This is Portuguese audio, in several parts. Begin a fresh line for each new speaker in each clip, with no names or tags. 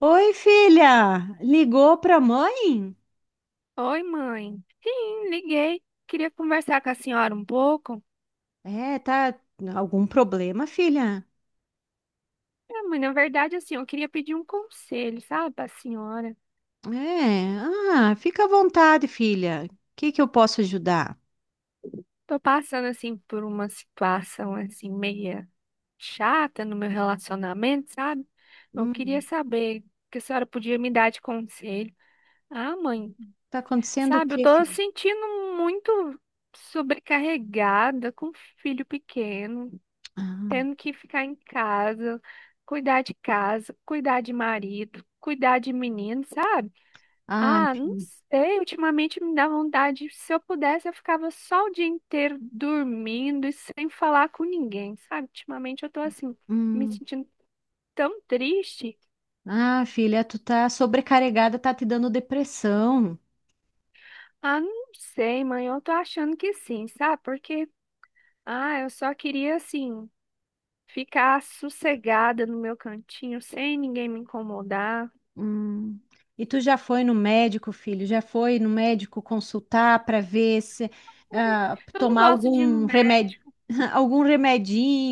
Oi, filha! Ligou pra mãe?
Oi, mãe. Sim, liguei. Queria conversar com a senhora um pouco.
Tá algum problema, filha?
É, mãe, na verdade, assim, eu queria pedir um conselho, sabe, para senhora.
É, ah, fica à vontade, filha. O que que eu posso ajudar?
Tô passando, assim, por uma situação, assim, meia chata no meu relacionamento, sabe? Eu queria
Hum,
saber o que a senhora podia me dar de conselho. Ah, mãe,
tá acontecendo o
sabe, eu
quê,
tô
filha?
sentindo muito sobrecarregada com um filho pequeno.
Ah,
Tendo que ficar em casa, cuidar de marido, cuidar de menino, sabe?
ah,
Ah, não
filha.
sei, ultimamente me dá vontade, se eu pudesse, eu ficava só o dia inteiro dormindo e sem falar com ninguém, sabe? Ultimamente eu tô assim, me
Hum,
sentindo tão triste.
ah, filha, tu tá sobrecarregada, tá te dando depressão.
Ah, não sei, mãe, eu tô achando que sim, sabe? Porque, ah, eu só queria assim. Ficar sossegada no meu cantinho sem ninguém me incomodar.
Hum. E tu já foi no médico, filho? Já foi no médico consultar para ver se
Ai,
ah,
eu não
tomar
gosto de ir no.
algum remédio, algum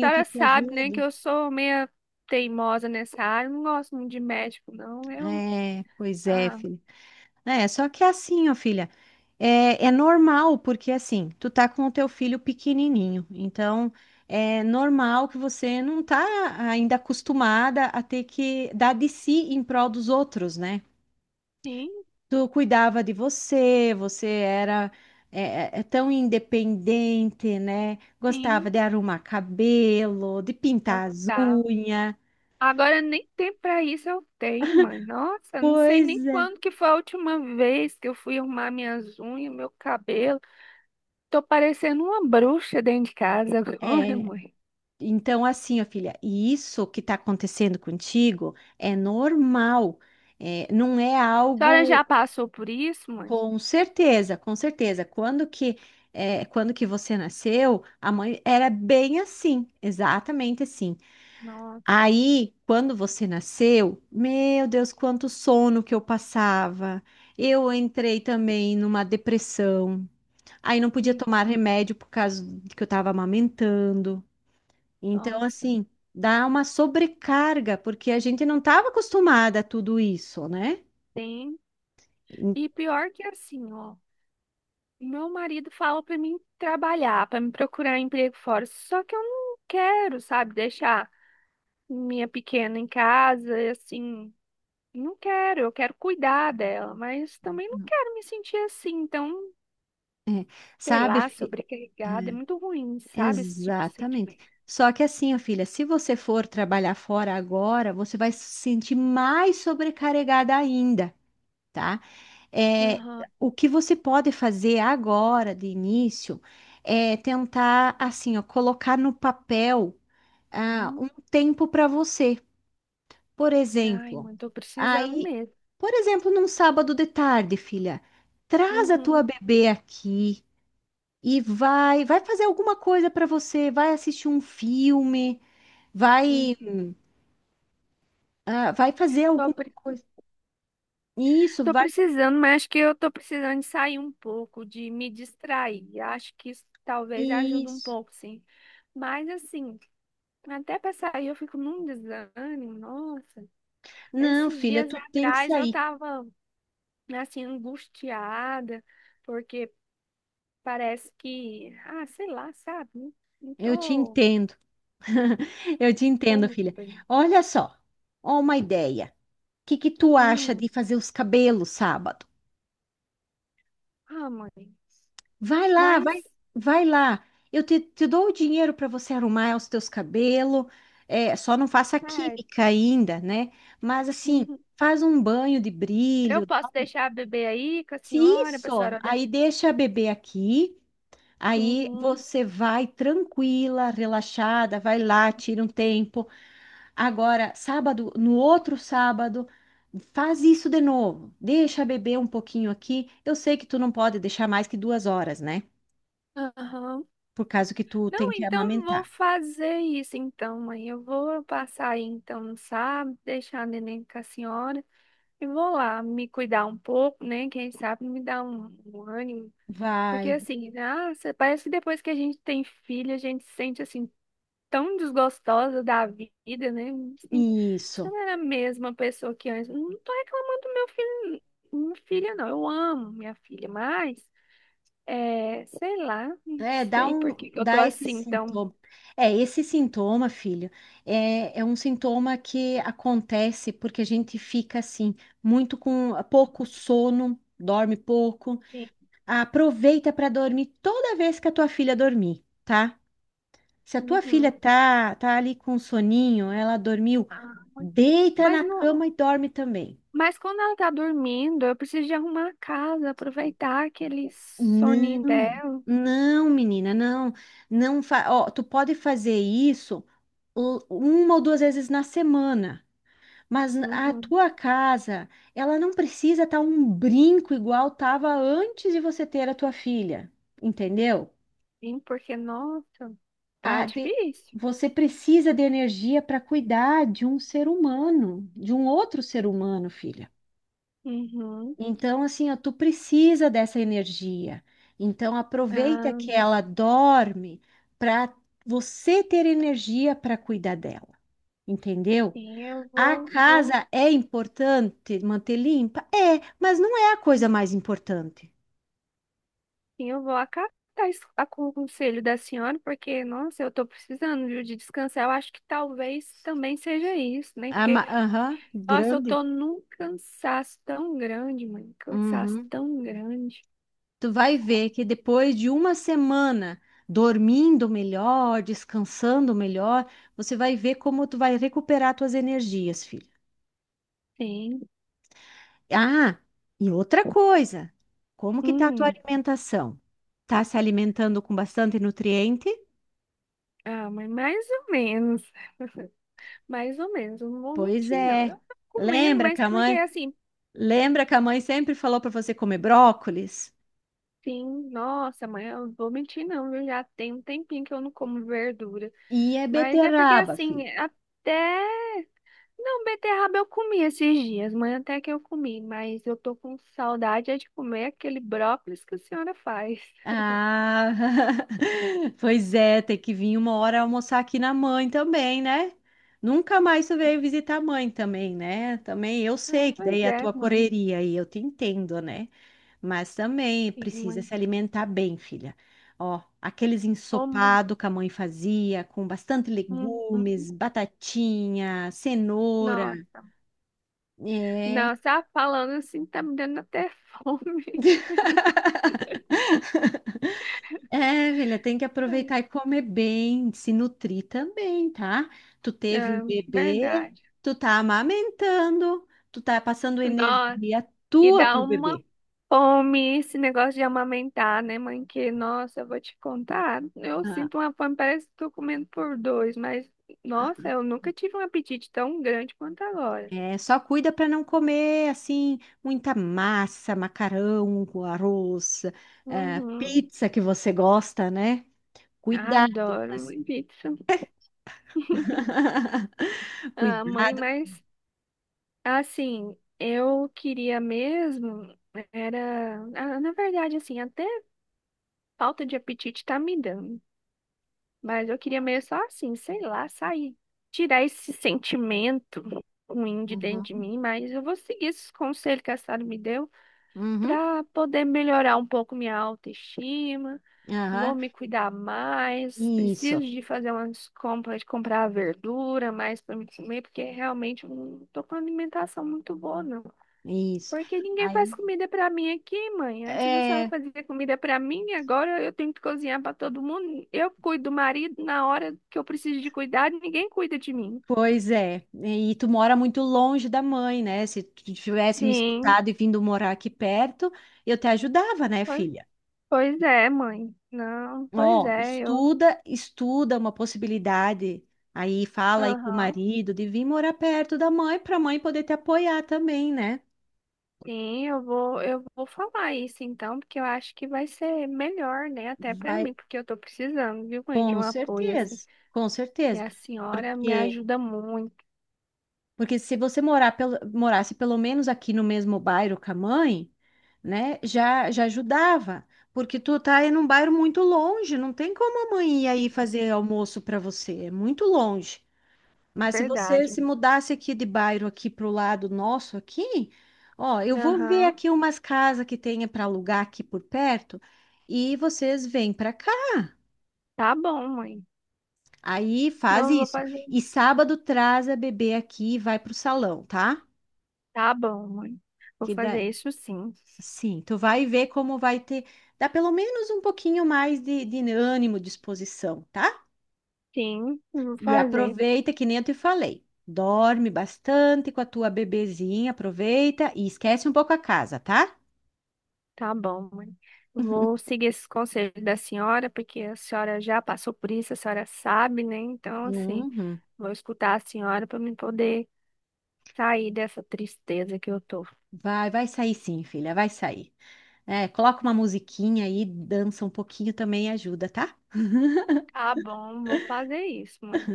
A
que
senhora
te
sabe, né, que
ajude?
eu sou meia teimosa nessa área, não gosto muito de médico, não. Eu,
É, pois é,
ah,
filho. É, só que é assim, ó, filha, é normal, porque assim, tu tá com o teu filho pequenininho, então é normal que você não tá ainda acostumada a ter que dar de si em prol dos outros, né?
sim,
Tu cuidava de você, você era é, é tão independente, né? Gostava
sim,
de arrumar cabelo, de pintar as
gostava.
unhas.
Agora nem tempo pra isso eu tenho, mãe. Nossa, não sei nem
Pois é.
quando que foi a última vez que eu fui arrumar minhas unhas, meu cabelo. Tô parecendo uma bruxa dentro de casa agora,
É,
mãe.
então, assim, ó, filha, e isso que está acontecendo contigo é normal, é, não é
A senhora
algo
já passou por isso, mãe?
com certeza, com certeza. Quando que, é, quando que você nasceu, a mãe era bem assim, exatamente assim.
Nossa,
Aí, quando você nasceu, meu Deus, quanto sono que eu passava. Eu entrei também numa depressão. Aí não podia tomar remédio por causa de que eu estava amamentando. Então,
nossa.
assim, dá uma sobrecarga, porque a gente não estava acostumada a tudo isso, né?
Tem.
E-
E pior que assim, ó. Meu marido fala pra mim trabalhar, pra me procurar emprego fora, só que eu não quero, sabe, deixar minha pequena em casa, e assim, não quero, eu quero cuidar dela, mas também não quero me sentir assim, então, sei
Sabe?
lá,
Fi-
sobrecarregada, é muito ruim, sabe, esse tipo de
Exatamente.
sentimento.
Só que assim, ó, filha, se você for trabalhar fora agora, você vai se sentir mais sobrecarregada ainda. Tá? É,
Aham.
o que você pode fazer agora, de início, é tentar, assim, ó, colocar no papel, ah, um tempo para você. Por
Ai,
exemplo,
mãe, tô precisando
aí,
mesmo.
por exemplo, num sábado de tarde, filha, traz a tua
Uhum,
bebê aqui e vai fazer alguma coisa para você, vai assistir um filme, vai,
uhum.
ah, vai fazer
Tô
alguma coisa. Isso,
Tô
vai,
precisando, mas acho que eu tô precisando de sair um pouco, de me distrair. Acho que isso talvez ajude um
isso.
pouco, sim. Mas assim, até pra sair eu fico num desânimo, nossa.
Não,
Esses
filha,
dias
tu tem que
atrás eu
sair.
tava assim angustiada, porque parece que, ah, sei lá, sabe? Não não
Eu te
tô,
entendo. Eu te
não tô
entendo,
muito
filha.
bem.
Olha só, ó uma ideia. O que que tu acha de
Hum,
fazer os cabelos sábado?
ah, mãe.
Vai lá, vai,
Mas,
vai lá. Eu te, te dou o dinheiro para você arrumar os teus cabelos. É, só não faça
sério,
química ainda, né? Mas assim,
uhum.
faz um banho de
Eu
brilho.
posso deixar a bebê aí com a
Se
senhora, pra
Isso,
senhora olhar?
aí deixa a bebê aqui. Aí
Uhum.
você vai tranquila, relaxada, vai lá, tira um tempo. Agora, sábado, no outro sábado, faz isso de novo. Deixa beber um pouquinho aqui. Eu sei que tu não pode deixar mais que duas horas, né?
Aham.
Por causa que tu tem
Não,
que
então vou
amamentar.
fazer isso então, mãe. Eu vou passar aí então no sábado, deixar a neném com a senhora e vou lá me cuidar um pouco, né? Quem sabe me dar um ânimo. Porque
Vai,
assim, nossa, parece que depois que a gente tem filho, a gente se sente assim tão desgostosa da vida, né? Assim, se eu
isso.
não era a mesma pessoa que antes. Não tô reclamando do meu filho, minha filha, não. Eu amo minha filha, mas. É, sei lá, não
É, dá
sei por
um,
que que eu tô
dá esse
assim, então.
sintoma. É, esse sintoma, filho, é um sintoma que acontece porque a gente fica assim, muito com pouco sono, dorme pouco.
Sim.
Aproveita para dormir toda vez que a tua filha dormir, tá? Se a tua filha
Uhum.
tá ali com soninho, ela dormiu,
Ah,
deita
mas
na
não,
cama e dorme também.
mas quando ela tá dormindo, eu preciso de arrumar a casa, aproveitar aquele soninho
Não,
dela.
não, menina, não, não, fa- ó, tu pode fazer isso u- uma ou duas vezes na semana, mas a
Uhum.
tua casa, ela não precisa estar um brinco igual tava antes de você ter a tua filha, entendeu?
Sim, porque, nossa, tá
A de-
difícil.
Você precisa de energia para cuidar de um ser humano, de um outro ser humano, filha.
Uhum.
Então, assim, ó, tu precisa dessa energia. Então, aproveita
Ah,
que ela dorme para você ter energia para cuidar dela, entendeu?
sim,
A casa é importante manter limpa? É, mas não é a coisa mais importante.
sim, eu vou acatar o conselho da senhora, porque, nossa, eu tô precisando, viu, de descansar. Eu acho que talvez também seja isso, né?
A
Porque
ma- Aham,
nossa, eu
grande.
tô num cansaço tão grande, mãe. Cansaço
Uhum.
tão grande.
Tu vai ver que depois de uma semana dormindo melhor, descansando melhor, você vai ver como tu vai recuperar tuas energias, filho.
Sim.
Ah, e outra coisa, como que tá a tua
Hum.
alimentação? Tá se alimentando com bastante nutriente?
Ah, mas mais ou menos. Mais ou menos. Eu não vou
Pois
mentir, não.
é.
Eu tô comendo,
Lembra
mas
que a
porque
mãe,
assim,
lembra que a mãe sempre falou para você comer brócolis?
sim, nossa, mãe, eu não vou mentir, não. Eu já tenho um tempinho que eu não como verdura.
E é
Mas é porque
beterraba,
assim,
filho.
até. Não, beterraba eu comi esses dias, mãe, até que eu comi. Mas eu tô com saudade é de comer aquele brócolis que a senhora faz.
Ah, pois é, tem que vir uma hora almoçar aqui na mãe também, né? Nunca mais tu veio visitar a mãe também, né? Também eu
Ah,
sei que daí
pois
é a
é,
tua
mãe.
correria e eu te entendo, né? Mas também
Sim,
precisa
mãe.
se alimentar bem, filha. Ó, aqueles
Ô, mãe.
ensopado que a mãe fazia, com bastante
Uhum.
legumes, batatinha, cenoura.
Nossa.
É.
Nossa, ah, falando assim, tá me dando até fome.
É, filha, tem que aproveitar e comer bem, se nutrir também, tá? Tu teve um
É,
bebê,
verdade.
tu tá amamentando, tu tá passando
Nossa,
energia
e
tua
dá
pro
uma
bebê.
fome esse negócio de amamentar, né, mãe? Que, nossa, eu vou te contar. Eu
Ah,
sinto uma fome, parece que tô comendo por dois, mas, nossa, eu nunca tive um apetite tão grande quanto agora.
é, só cuida para não comer assim muita massa, macarrão, arroz,
Uhum.
pizza que você gosta, né? Cuidado. Com
Adoro
as-
mãe, pizza. Ah, mãe,
Cuidado.
mas assim, eu queria mesmo, era, ah, na verdade, assim, até falta de apetite tá me dando, mas eu queria mesmo só assim, sei lá, sair, tirar esse sentimento ruim de dentro de
Uhum,
mim, mas eu vou seguir esses conselhos que a Sara me deu
uhum,
para poder melhorar um pouco minha autoestima,
aham.
vou me cuidar mais, preciso
Isso,
de fazer umas compras, de comprar verdura mais para me comer, porque realmente eu não tô com uma alimentação muito boa, não.
isso.
Porque ninguém faz
Aí,
comida pra mim aqui, mãe. Antes a senhora
é,
fazia comida pra mim, agora eu tenho que cozinhar pra todo mundo. Eu cuido do marido na hora que eu preciso de cuidado, ninguém cuida de mim.
Pois é, e tu mora muito longe da mãe, né? Se tu tivesse me
Sim,
escutado e vindo morar aqui perto, eu te ajudava, né,
pois,
filha?
pois é, mãe. Não, pois
Ó,
é, eu.
estuda, estuda uma possibilidade. Aí fala aí com o
Aham.
marido de vir morar perto da mãe para a mãe poder te apoiar também, né?
Sim, eu vou falar isso então, porque eu acho que vai ser melhor, né, até pra
Vai,
mim, porque eu tô precisando, viu, mãe, de um
com
apoio assim.
certeza, com
E
certeza.
a senhora me
Porque
ajuda muito,
Porque se você morar pelo- morasse pelo menos aqui no mesmo bairro com a mãe, né, já ajudava. Porque tu tá em um bairro muito longe, não tem como a mãe ir aí fazer almoço para você, é muito longe. Mas se você
verdade.
se mudasse aqui de bairro aqui pro lado nosso aqui, ó, eu vou ver
Aham.
aqui umas casas que tenha para alugar aqui por perto e vocês vêm para cá.
Tá bom, mãe.
Aí faz
Não, eu vou
isso.
fazer.
E sábado traz a bebê aqui e vai pro salão, tá?
Tá bom, mãe. Vou
Que dá.
fazer isso sim.
Sim, tu vai ver como vai ter, dá pelo menos um pouquinho mais de ânimo, disposição, tá?
Sim, vou
E
fazer.
aproveita, que nem eu te falei, dorme bastante com a tua bebezinha, aproveita e esquece um pouco a casa, tá?
Tá bom, mãe. Vou seguir esses conselhos da senhora, porque a senhora já passou por isso, a senhora sabe, né? Então, assim,
Uhum.
vou escutar a senhora para me poder sair dessa tristeza que eu tô.
Vai, vai sair sim, filha, vai sair. É, coloca uma musiquinha aí, dança um pouquinho também ajuda, tá?
Tá bom, vou fazer isso, mãe.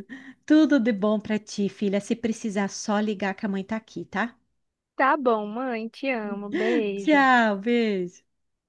Tudo de bom pra ti, filha. Se precisar, só ligar que a mãe tá aqui, tá?
Tá bom, mãe. Te amo. Beijo.
Tchau, beijo.